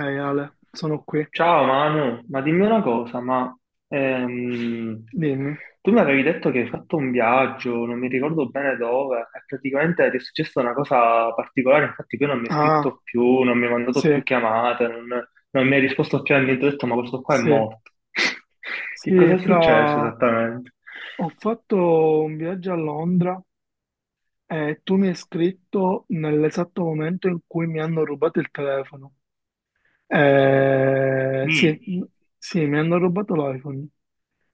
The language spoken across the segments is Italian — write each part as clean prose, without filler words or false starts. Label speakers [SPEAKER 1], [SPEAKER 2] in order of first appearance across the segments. [SPEAKER 1] Ehi Ale, sono qui,
[SPEAKER 2] Ciao Manu, ma dimmi una cosa, ehm,
[SPEAKER 1] dimmi.
[SPEAKER 2] tu mi avevi detto che hai fatto un viaggio, non mi ricordo bene dove, e praticamente ti è successa una cosa particolare, infatti poi non mi hai
[SPEAKER 1] Ah,
[SPEAKER 2] scritto più, non mi hai mandato
[SPEAKER 1] sì,
[SPEAKER 2] più chiamate, non mi hai risposto più a niente, ho detto ma questo qua è
[SPEAKER 1] sì,
[SPEAKER 2] morto. Che cosa
[SPEAKER 1] sì,
[SPEAKER 2] è successo
[SPEAKER 1] fra...
[SPEAKER 2] esattamente?
[SPEAKER 1] Ho fatto un viaggio a Londra e tu mi hai scritto nell'esatto momento in cui mi hanno rubato il telefono. Sì,
[SPEAKER 2] Mm.
[SPEAKER 1] sì, mi hanno rubato l'iPhone.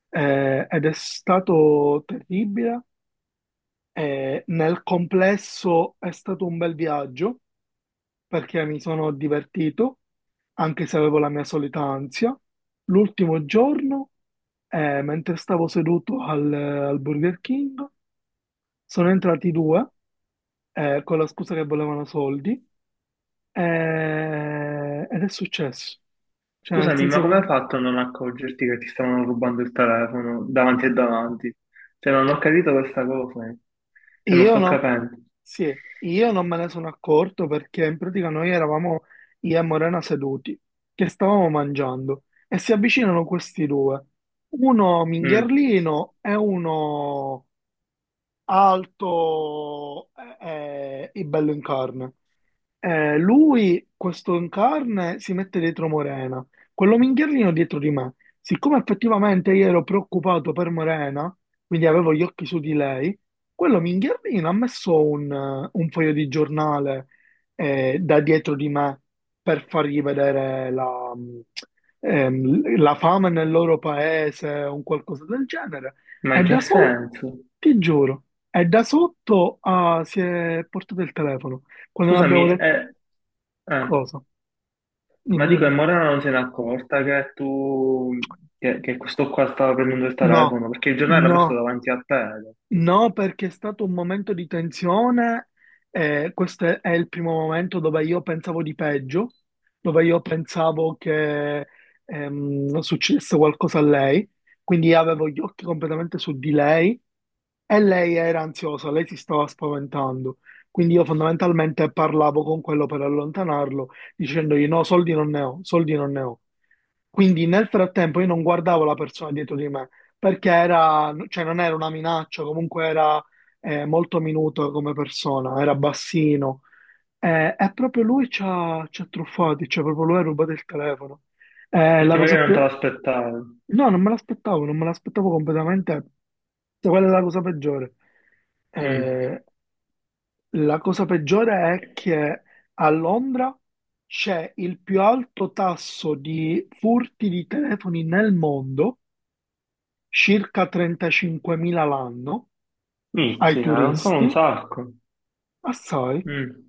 [SPEAKER 1] Ed è stato terribile. Nel complesso è stato un bel viaggio perché mi sono divertito, anche se avevo la mia solita ansia. L'ultimo giorno, mentre stavo seduto al, al Burger King, sono entrati due, con la scusa che volevano soldi, ed è successo. Cioè, nel
[SPEAKER 2] Scusami, ma come hai
[SPEAKER 1] senso
[SPEAKER 2] fatto a non accorgerti che ti stavano rubando il telefono davanti e davanti? Cioè non ho capito questa cosa.
[SPEAKER 1] che
[SPEAKER 2] Se non
[SPEAKER 1] io
[SPEAKER 2] sto
[SPEAKER 1] no,
[SPEAKER 2] capendo.
[SPEAKER 1] sì, io non me ne sono accorto perché in pratica noi eravamo io e Morena seduti, che stavamo mangiando, e si avvicinano questi due, uno
[SPEAKER 2] Mm.
[SPEAKER 1] mingherlino e uno alto e bello in carne. Lui, questo in carne, si mette dietro Morena, quello minghierlino dietro di me. Siccome effettivamente io ero preoccupato per Morena, quindi avevo gli occhi su di lei, quello minghierlino ha messo un foglio di giornale da dietro di me per fargli vedere la, la fame nel loro paese o un qualcosa del genere.
[SPEAKER 2] Ma
[SPEAKER 1] È
[SPEAKER 2] in
[SPEAKER 1] da
[SPEAKER 2] che
[SPEAKER 1] sotto,
[SPEAKER 2] senso?
[SPEAKER 1] ti giuro, è da sotto a si è portato il telefono. Quando non
[SPEAKER 2] Scusami,
[SPEAKER 1] abbiamo detto
[SPEAKER 2] eh, eh,
[SPEAKER 1] cosa?
[SPEAKER 2] ma
[SPEAKER 1] Dimmi,
[SPEAKER 2] dico, e
[SPEAKER 1] dimmi.
[SPEAKER 2] Morena non se n'è accorta che tu, che questo qua stava prendendo il
[SPEAKER 1] No,
[SPEAKER 2] telefono, perché il giornale l'ha messo
[SPEAKER 1] no,
[SPEAKER 2] davanti a te, hai detto.
[SPEAKER 1] no, perché è stato un momento di tensione. Questo è il primo momento dove io pensavo di peggio, dove io pensavo che succedesse qualcosa a lei. Quindi avevo gli occhi completamente su di lei. E lei era ansiosa, lei si stava spaventando. Quindi io fondamentalmente parlavo con quello per allontanarlo, dicendogli no, soldi non ne ho, soldi non ne ho. Quindi nel frattempo io non guardavo la persona dietro di me, perché era, cioè non era una minaccia, comunque era molto minuto come persona, era bassino. E proprio lui ci ha truffati, cioè proprio lui ha rubato il telefono.
[SPEAKER 2] Perché
[SPEAKER 1] La
[SPEAKER 2] magari
[SPEAKER 1] cosa
[SPEAKER 2] non
[SPEAKER 1] più...
[SPEAKER 2] te l'aspettavi.
[SPEAKER 1] No, non me l'aspettavo, non me l'aspettavo completamente. Sai qual è la cosa peggiore?
[SPEAKER 2] Mm.
[SPEAKER 1] Eh, la cosa peggiore è che a Londra c'è il più alto tasso di furti di telefoni nel mondo, circa 35.000 l'anno, ai
[SPEAKER 2] Mizzica, non sono un
[SPEAKER 1] turisti,
[SPEAKER 2] sacco.
[SPEAKER 1] assai.
[SPEAKER 2] Mm.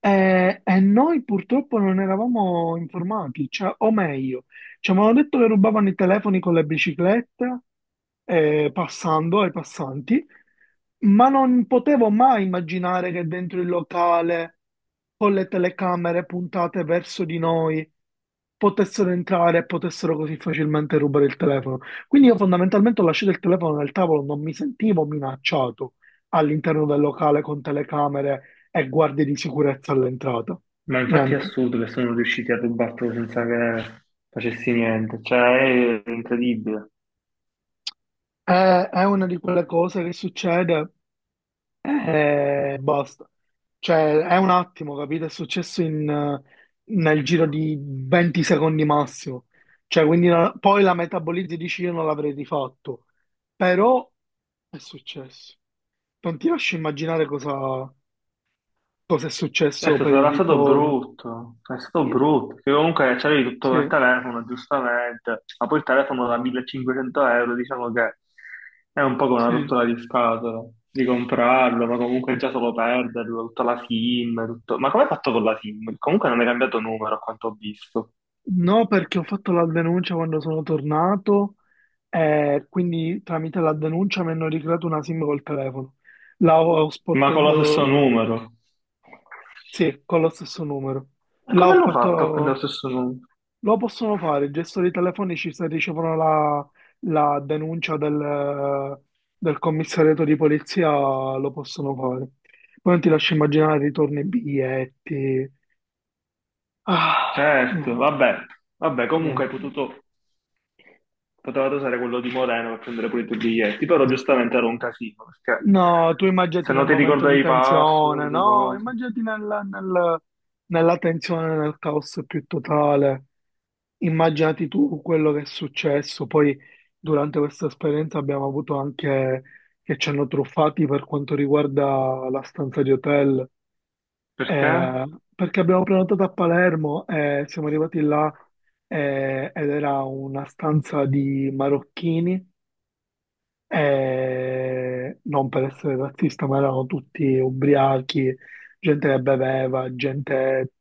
[SPEAKER 1] E noi purtroppo non eravamo informati, cioè, o meglio, ci avevano detto che rubavano i telefoni con le biciclette, passando ai passanti, ma non potevo mai immaginare che dentro il locale, con le telecamere puntate verso di noi, potessero entrare e potessero così facilmente rubare il telefono. Quindi io fondamentalmente ho lasciato il telefono nel tavolo, non mi sentivo minacciato all'interno del locale con telecamere e guardie di sicurezza all'entrata.
[SPEAKER 2] Ma infatti è
[SPEAKER 1] Niente.
[SPEAKER 2] assurdo che sono riusciti a rubartelo senza che facessi niente, cioè è incredibile.
[SPEAKER 1] È, è una di quelle cose che succede e basta. Cioè, è un attimo, capito? È successo in, nel giro di 20 secondi massimo. Cioè, quindi poi la metabolizzi e dici io non l'avrei rifatto. Però è successo. Non ti lascio immaginare cosa, cosa è successo
[SPEAKER 2] Certo,
[SPEAKER 1] per il
[SPEAKER 2] sarà stato
[SPEAKER 1] ritorno.
[SPEAKER 2] brutto, è stato
[SPEAKER 1] Io-
[SPEAKER 2] brutto, che comunque c'avevi tutto
[SPEAKER 1] Sì,
[SPEAKER 2] nel telefono, giustamente, ma poi il telefono da 1500 euro, diciamo che è un po' come una
[SPEAKER 1] sì.
[SPEAKER 2] rottura di scatola, di comprarlo, ma comunque già solo perderlo, tutta la SIM, tutto... Ma come hai fatto con la SIM? Comunque non hai cambiato numero, a quanto ho visto,
[SPEAKER 1] No, perché ho fatto la denuncia quando sono tornato e quindi tramite la denuncia mi hanno ricreato una SIM col telefono. La ho, ho
[SPEAKER 2] ma
[SPEAKER 1] sporto,
[SPEAKER 2] con lo stesso numero.
[SPEAKER 1] sì, con lo stesso numero.
[SPEAKER 2] Ma
[SPEAKER 1] La
[SPEAKER 2] come
[SPEAKER 1] ho
[SPEAKER 2] l'ho fatto a prendere
[SPEAKER 1] fatto,
[SPEAKER 2] lo stesso numero?
[SPEAKER 1] lo possono fare, i gestori telefonici se ricevono la, la denuncia del, del commissariato di polizia lo possono fare. Poi non ti lascio immaginare ritorni, biglietti. Ah,
[SPEAKER 2] Certo,
[SPEAKER 1] niente.
[SPEAKER 2] vabbè, vabbè, comunque hai
[SPEAKER 1] Niente.
[SPEAKER 2] potuto, potevate usare quello di Moreno per prendere pure i tuoi biglietti, però giustamente era un casino, perché
[SPEAKER 1] No, tu immaginati
[SPEAKER 2] se
[SPEAKER 1] nel
[SPEAKER 2] non ti
[SPEAKER 1] momento di
[SPEAKER 2] ricordavi i
[SPEAKER 1] tensione,
[SPEAKER 2] password,
[SPEAKER 1] no?
[SPEAKER 2] cose,
[SPEAKER 1] Immaginati nella tensione, nel caos più totale. Immaginati tu quello che è successo. Poi, durante questa esperienza, abbiamo avuto anche che ci hanno truffati per quanto riguarda la stanza di hotel.
[SPEAKER 2] perché?
[SPEAKER 1] Eh, perché abbiamo prenotato a Palermo e siamo arrivati là ed era una stanza di marocchini e non per essere razzista, ma erano tutti ubriachi, gente che beveva, gente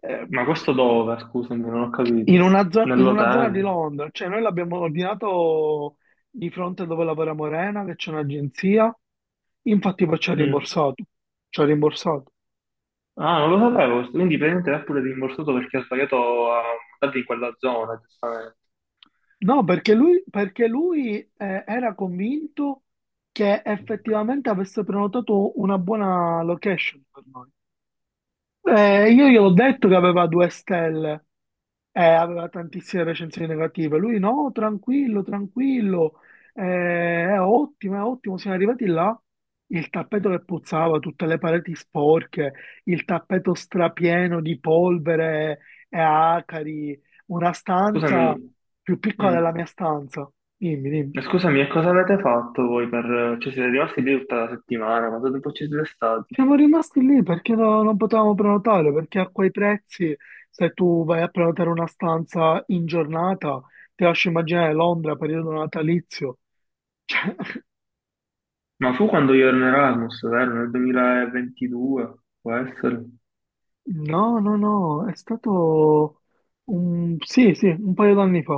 [SPEAKER 1] ehm,
[SPEAKER 2] Ma questo dove, scusami, non ho
[SPEAKER 1] in
[SPEAKER 2] capito,
[SPEAKER 1] una, in una zona di
[SPEAKER 2] nell'hotel?
[SPEAKER 1] Londra. Cioè, noi l'abbiamo ordinato di fronte dove lavora Morena, che c'è un'agenzia. Infatti, poi ci ha
[SPEAKER 2] Mm.
[SPEAKER 1] rimborsato. Ci ha rimborsato.
[SPEAKER 2] Ah, non lo sapevo, quindi praticamente l'ha pure rimborsato perché ha sbagliato a mandarti in quella zona, giustamente.
[SPEAKER 1] No, perché lui era convinto che effettivamente avesse prenotato una buona location per noi. Io gli ho detto che aveva 2 stelle. Aveva tantissime recensioni negative. Lui no, tranquillo, tranquillo, è ottimo, è ottimo. Siamo arrivati là, il tappeto che puzzava, tutte le pareti sporche, il tappeto strapieno di polvere e acari, una
[SPEAKER 2] Scusami,
[SPEAKER 1] stanza più piccola
[SPEAKER 2] mm.
[SPEAKER 1] della mia stanza. Dimmi, dimmi.
[SPEAKER 2] Ma scusami, e cosa avete fatto voi per... Cioè siete rimasti lì tutta la settimana, quanto tempo ci siete stati?
[SPEAKER 1] Siamo rimasti lì perché non potevamo prenotare, perché a quei prezzi, se tu vai a prenotare una stanza in giornata, ti lascio immaginare Londra, periodo natalizio. Cioè,
[SPEAKER 2] Ma fu quando io ero in Erasmus, vero? Nel 2022, può essere?
[SPEAKER 1] no, no, no, è stato un... sì, sì, un paio d'anni fa.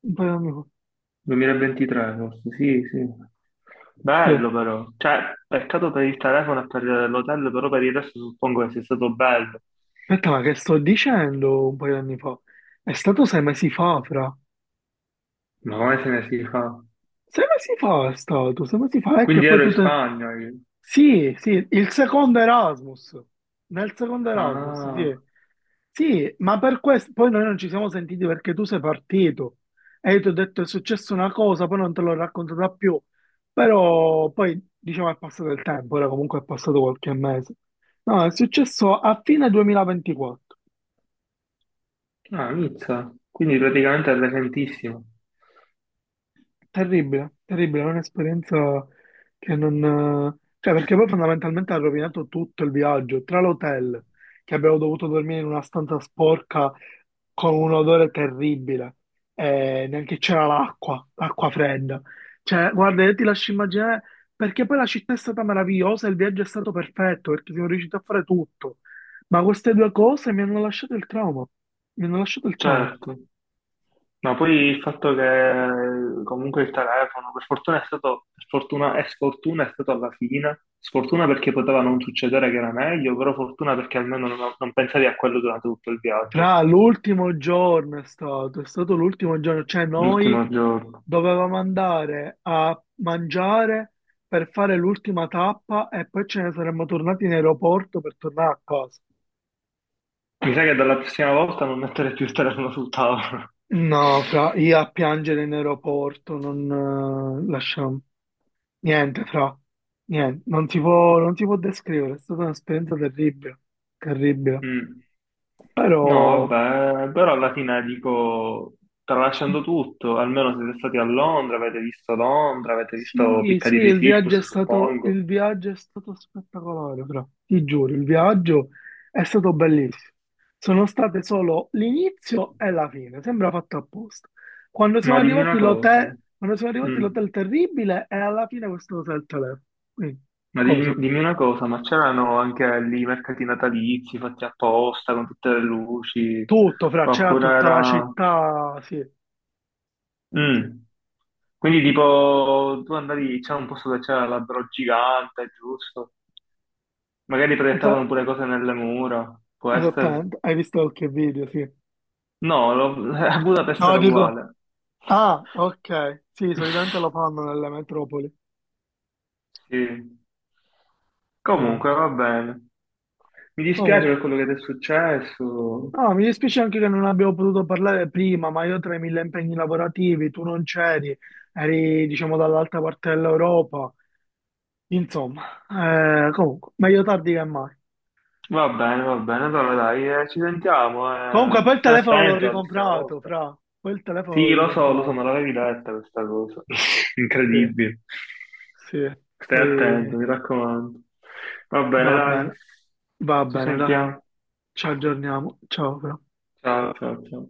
[SPEAKER 1] Un paio d'anni fa.
[SPEAKER 2] 2023 forse, sì, sì.
[SPEAKER 1] Sì.
[SPEAKER 2] Bello però, cioè, peccato per il telefono e per l'hotel, però per il resto suppongo che sia stato bello.
[SPEAKER 1] Aspetta, ma che sto dicendo un paio d'anni fa? È stato 6 mesi fa, fra.
[SPEAKER 2] Ma come se ne si fa?
[SPEAKER 1] 6 mesi fa è stato, 6 mesi fa, è che
[SPEAKER 2] Quindi
[SPEAKER 1] poi
[SPEAKER 2] ero
[SPEAKER 1] tu
[SPEAKER 2] in
[SPEAKER 1] te...
[SPEAKER 2] Spagna io.
[SPEAKER 1] Sì, sì, il secondo Erasmus, nel secondo Erasmus,
[SPEAKER 2] Ah,
[SPEAKER 1] sì. Sì, ma per questo poi noi non ci siamo sentiti perché tu sei partito e io ti ho detto è successa una cosa, poi non te l'ho raccontata più, però poi diciamo è passato il tempo, ora comunque è passato qualche mese. No, è successo a fine 2024.
[SPEAKER 2] ah, Nizza. Quindi praticamente è recentissimo.
[SPEAKER 1] Terribile, terribile, è un'esperienza che non... Cioè, perché poi fondamentalmente ha rovinato tutto il viaggio, tra l'hotel, che abbiamo dovuto dormire in una stanza sporca con un odore terribile, e neanche c'era l'acqua, l'acqua fredda. Cioè, guarda, io ti lascio immaginare, perché poi la città è stata meravigliosa, il viaggio è stato perfetto, perché siamo riusciti a fare tutto, ma queste due cose mi hanno lasciato il trauma, mi hanno lasciato il trauma.
[SPEAKER 2] Certo. Ma poi il fatto che comunque il telefono, per fortuna è stato, per fortuna e sfortuna è stato alla fine, sfortuna perché poteva non succedere che era meglio, però fortuna perché almeno non, non pensavi a quello durante tutto il viaggio,
[SPEAKER 1] Fra l'ultimo giorno è stato l'ultimo giorno, cioè noi
[SPEAKER 2] l'ultimo giorno.
[SPEAKER 1] dovevamo andare a mangiare per fare l'ultima tappa e poi ce ne saremmo tornati in aeroporto per tornare a casa.
[SPEAKER 2] Mi sa che dalla prossima volta non mettere più il telefono sul tavolo.
[SPEAKER 1] No, fra, io a piangere in aeroporto, non lasciamo niente, fra, niente, non si può, non si può descrivere, è stata un'esperienza terribile, terribile.
[SPEAKER 2] Mm.
[SPEAKER 1] Però
[SPEAKER 2] No, vabbè, però alla fine dico, tralasciando tutto, almeno siete stati a Londra, avete visto
[SPEAKER 1] sì, sì,
[SPEAKER 2] Piccadilly
[SPEAKER 1] il viaggio è
[SPEAKER 2] Circus,
[SPEAKER 1] stato,
[SPEAKER 2] suppongo.
[SPEAKER 1] il viaggio è stato spettacolare, fra. Ti giuro, il viaggio è stato bellissimo. Sono state solo l'inizio e la fine, sembra fatto apposta. Quando siamo
[SPEAKER 2] Ma dimmi
[SPEAKER 1] arrivati
[SPEAKER 2] una cosa,
[SPEAKER 1] l'hotel, quando siamo arrivati
[SPEAKER 2] mm.
[SPEAKER 1] l'hotel terribile e alla fine questo hotel telefono. Quindi,
[SPEAKER 2] Ma
[SPEAKER 1] cosa?
[SPEAKER 2] dimmi, una cosa, ma c'erano anche lì i mercati natalizi fatti apposta con tutte le luci,
[SPEAKER 1] Tutto, fra, c'era
[SPEAKER 2] oppure
[SPEAKER 1] tutta la
[SPEAKER 2] era...
[SPEAKER 1] città, sì, sì.
[SPEAKER 2] Mm. Quindi tipo tu andavi, c'era un posto dove c'era l'albero gigante, giusto? Magari
[SPEAKER 1] Esa-
[SPEAKER 2] proiettavano pure cose nelle mura, può essere?
[SPEAKER 1] esattamente, hai visto qualche video, sì.
[SPEAKER 2] No, a Budapest
[SPEAKER 1] No,
[SPEAKER 2] era
[SPEAKER 1] dico,
[SPEAKER 2] uguale.
[SPEAKER 1] ah, ok, sì, solitamente lo fanno nelle metropoli.
[SPEAKER 2] Sì. Comunque va bene. Mi dispiace
[SPEAKER 1] Comunque,
[SPEAKER 2] per quello che ti è successo.
[SPEAKER 1] no, mi dispiace anche che non abbiamo potuto parlare prima, ma io tra i mille impegni lavorativi, tu non c'eri, eri diciamo dall'altra parte dell'Europa, insomma, comunque, meglio tardi che mai.
[SPEAKER 2] Va bene, allora dai, ci sentiamo,
[SPEAKER 1] Comunque,
[SPEAKER 2] eh.
[SPEAKER 1] poi il
[SPEAKER 2] Stai
[SPEAKER 1] telefono l'ho
[SPEAKER 2] attento la prossima
[SPEAKER 1] ricomprato,
[SPEAKER 2] volta.
[SPEAKER 1] fra, poi il telefono
[SPEAKER 2] Sì,
[SPEAKER 1] l'ho
[SPEAKER 2] lo so, me
[SPEAKER 1] ricomprato,
[SPEAKER 2] l'avevi detta questa cosa.
[SPEAKER 1] sì,
[SPEAKER 2] Incredibile.
[SPEAKER 1] sì,
[SPEAKER 2] Stai attento,
[SPEAKER 1] poi
[SPEAKER 2] mi raccomando. Va
[SPEAKER 1] va
[SPEAKER 2] bene, dai,
[SPEAKER 1] bene, va
[SPEAKER 2] ci
[SPEAKER 1] bene, dai,
[SPEAKER 2] sentiamo.
[SPEAKER 1] ci aggiorniamo, ciao, fra.
[SPEAKER 2] Ciao, ciao, ciao.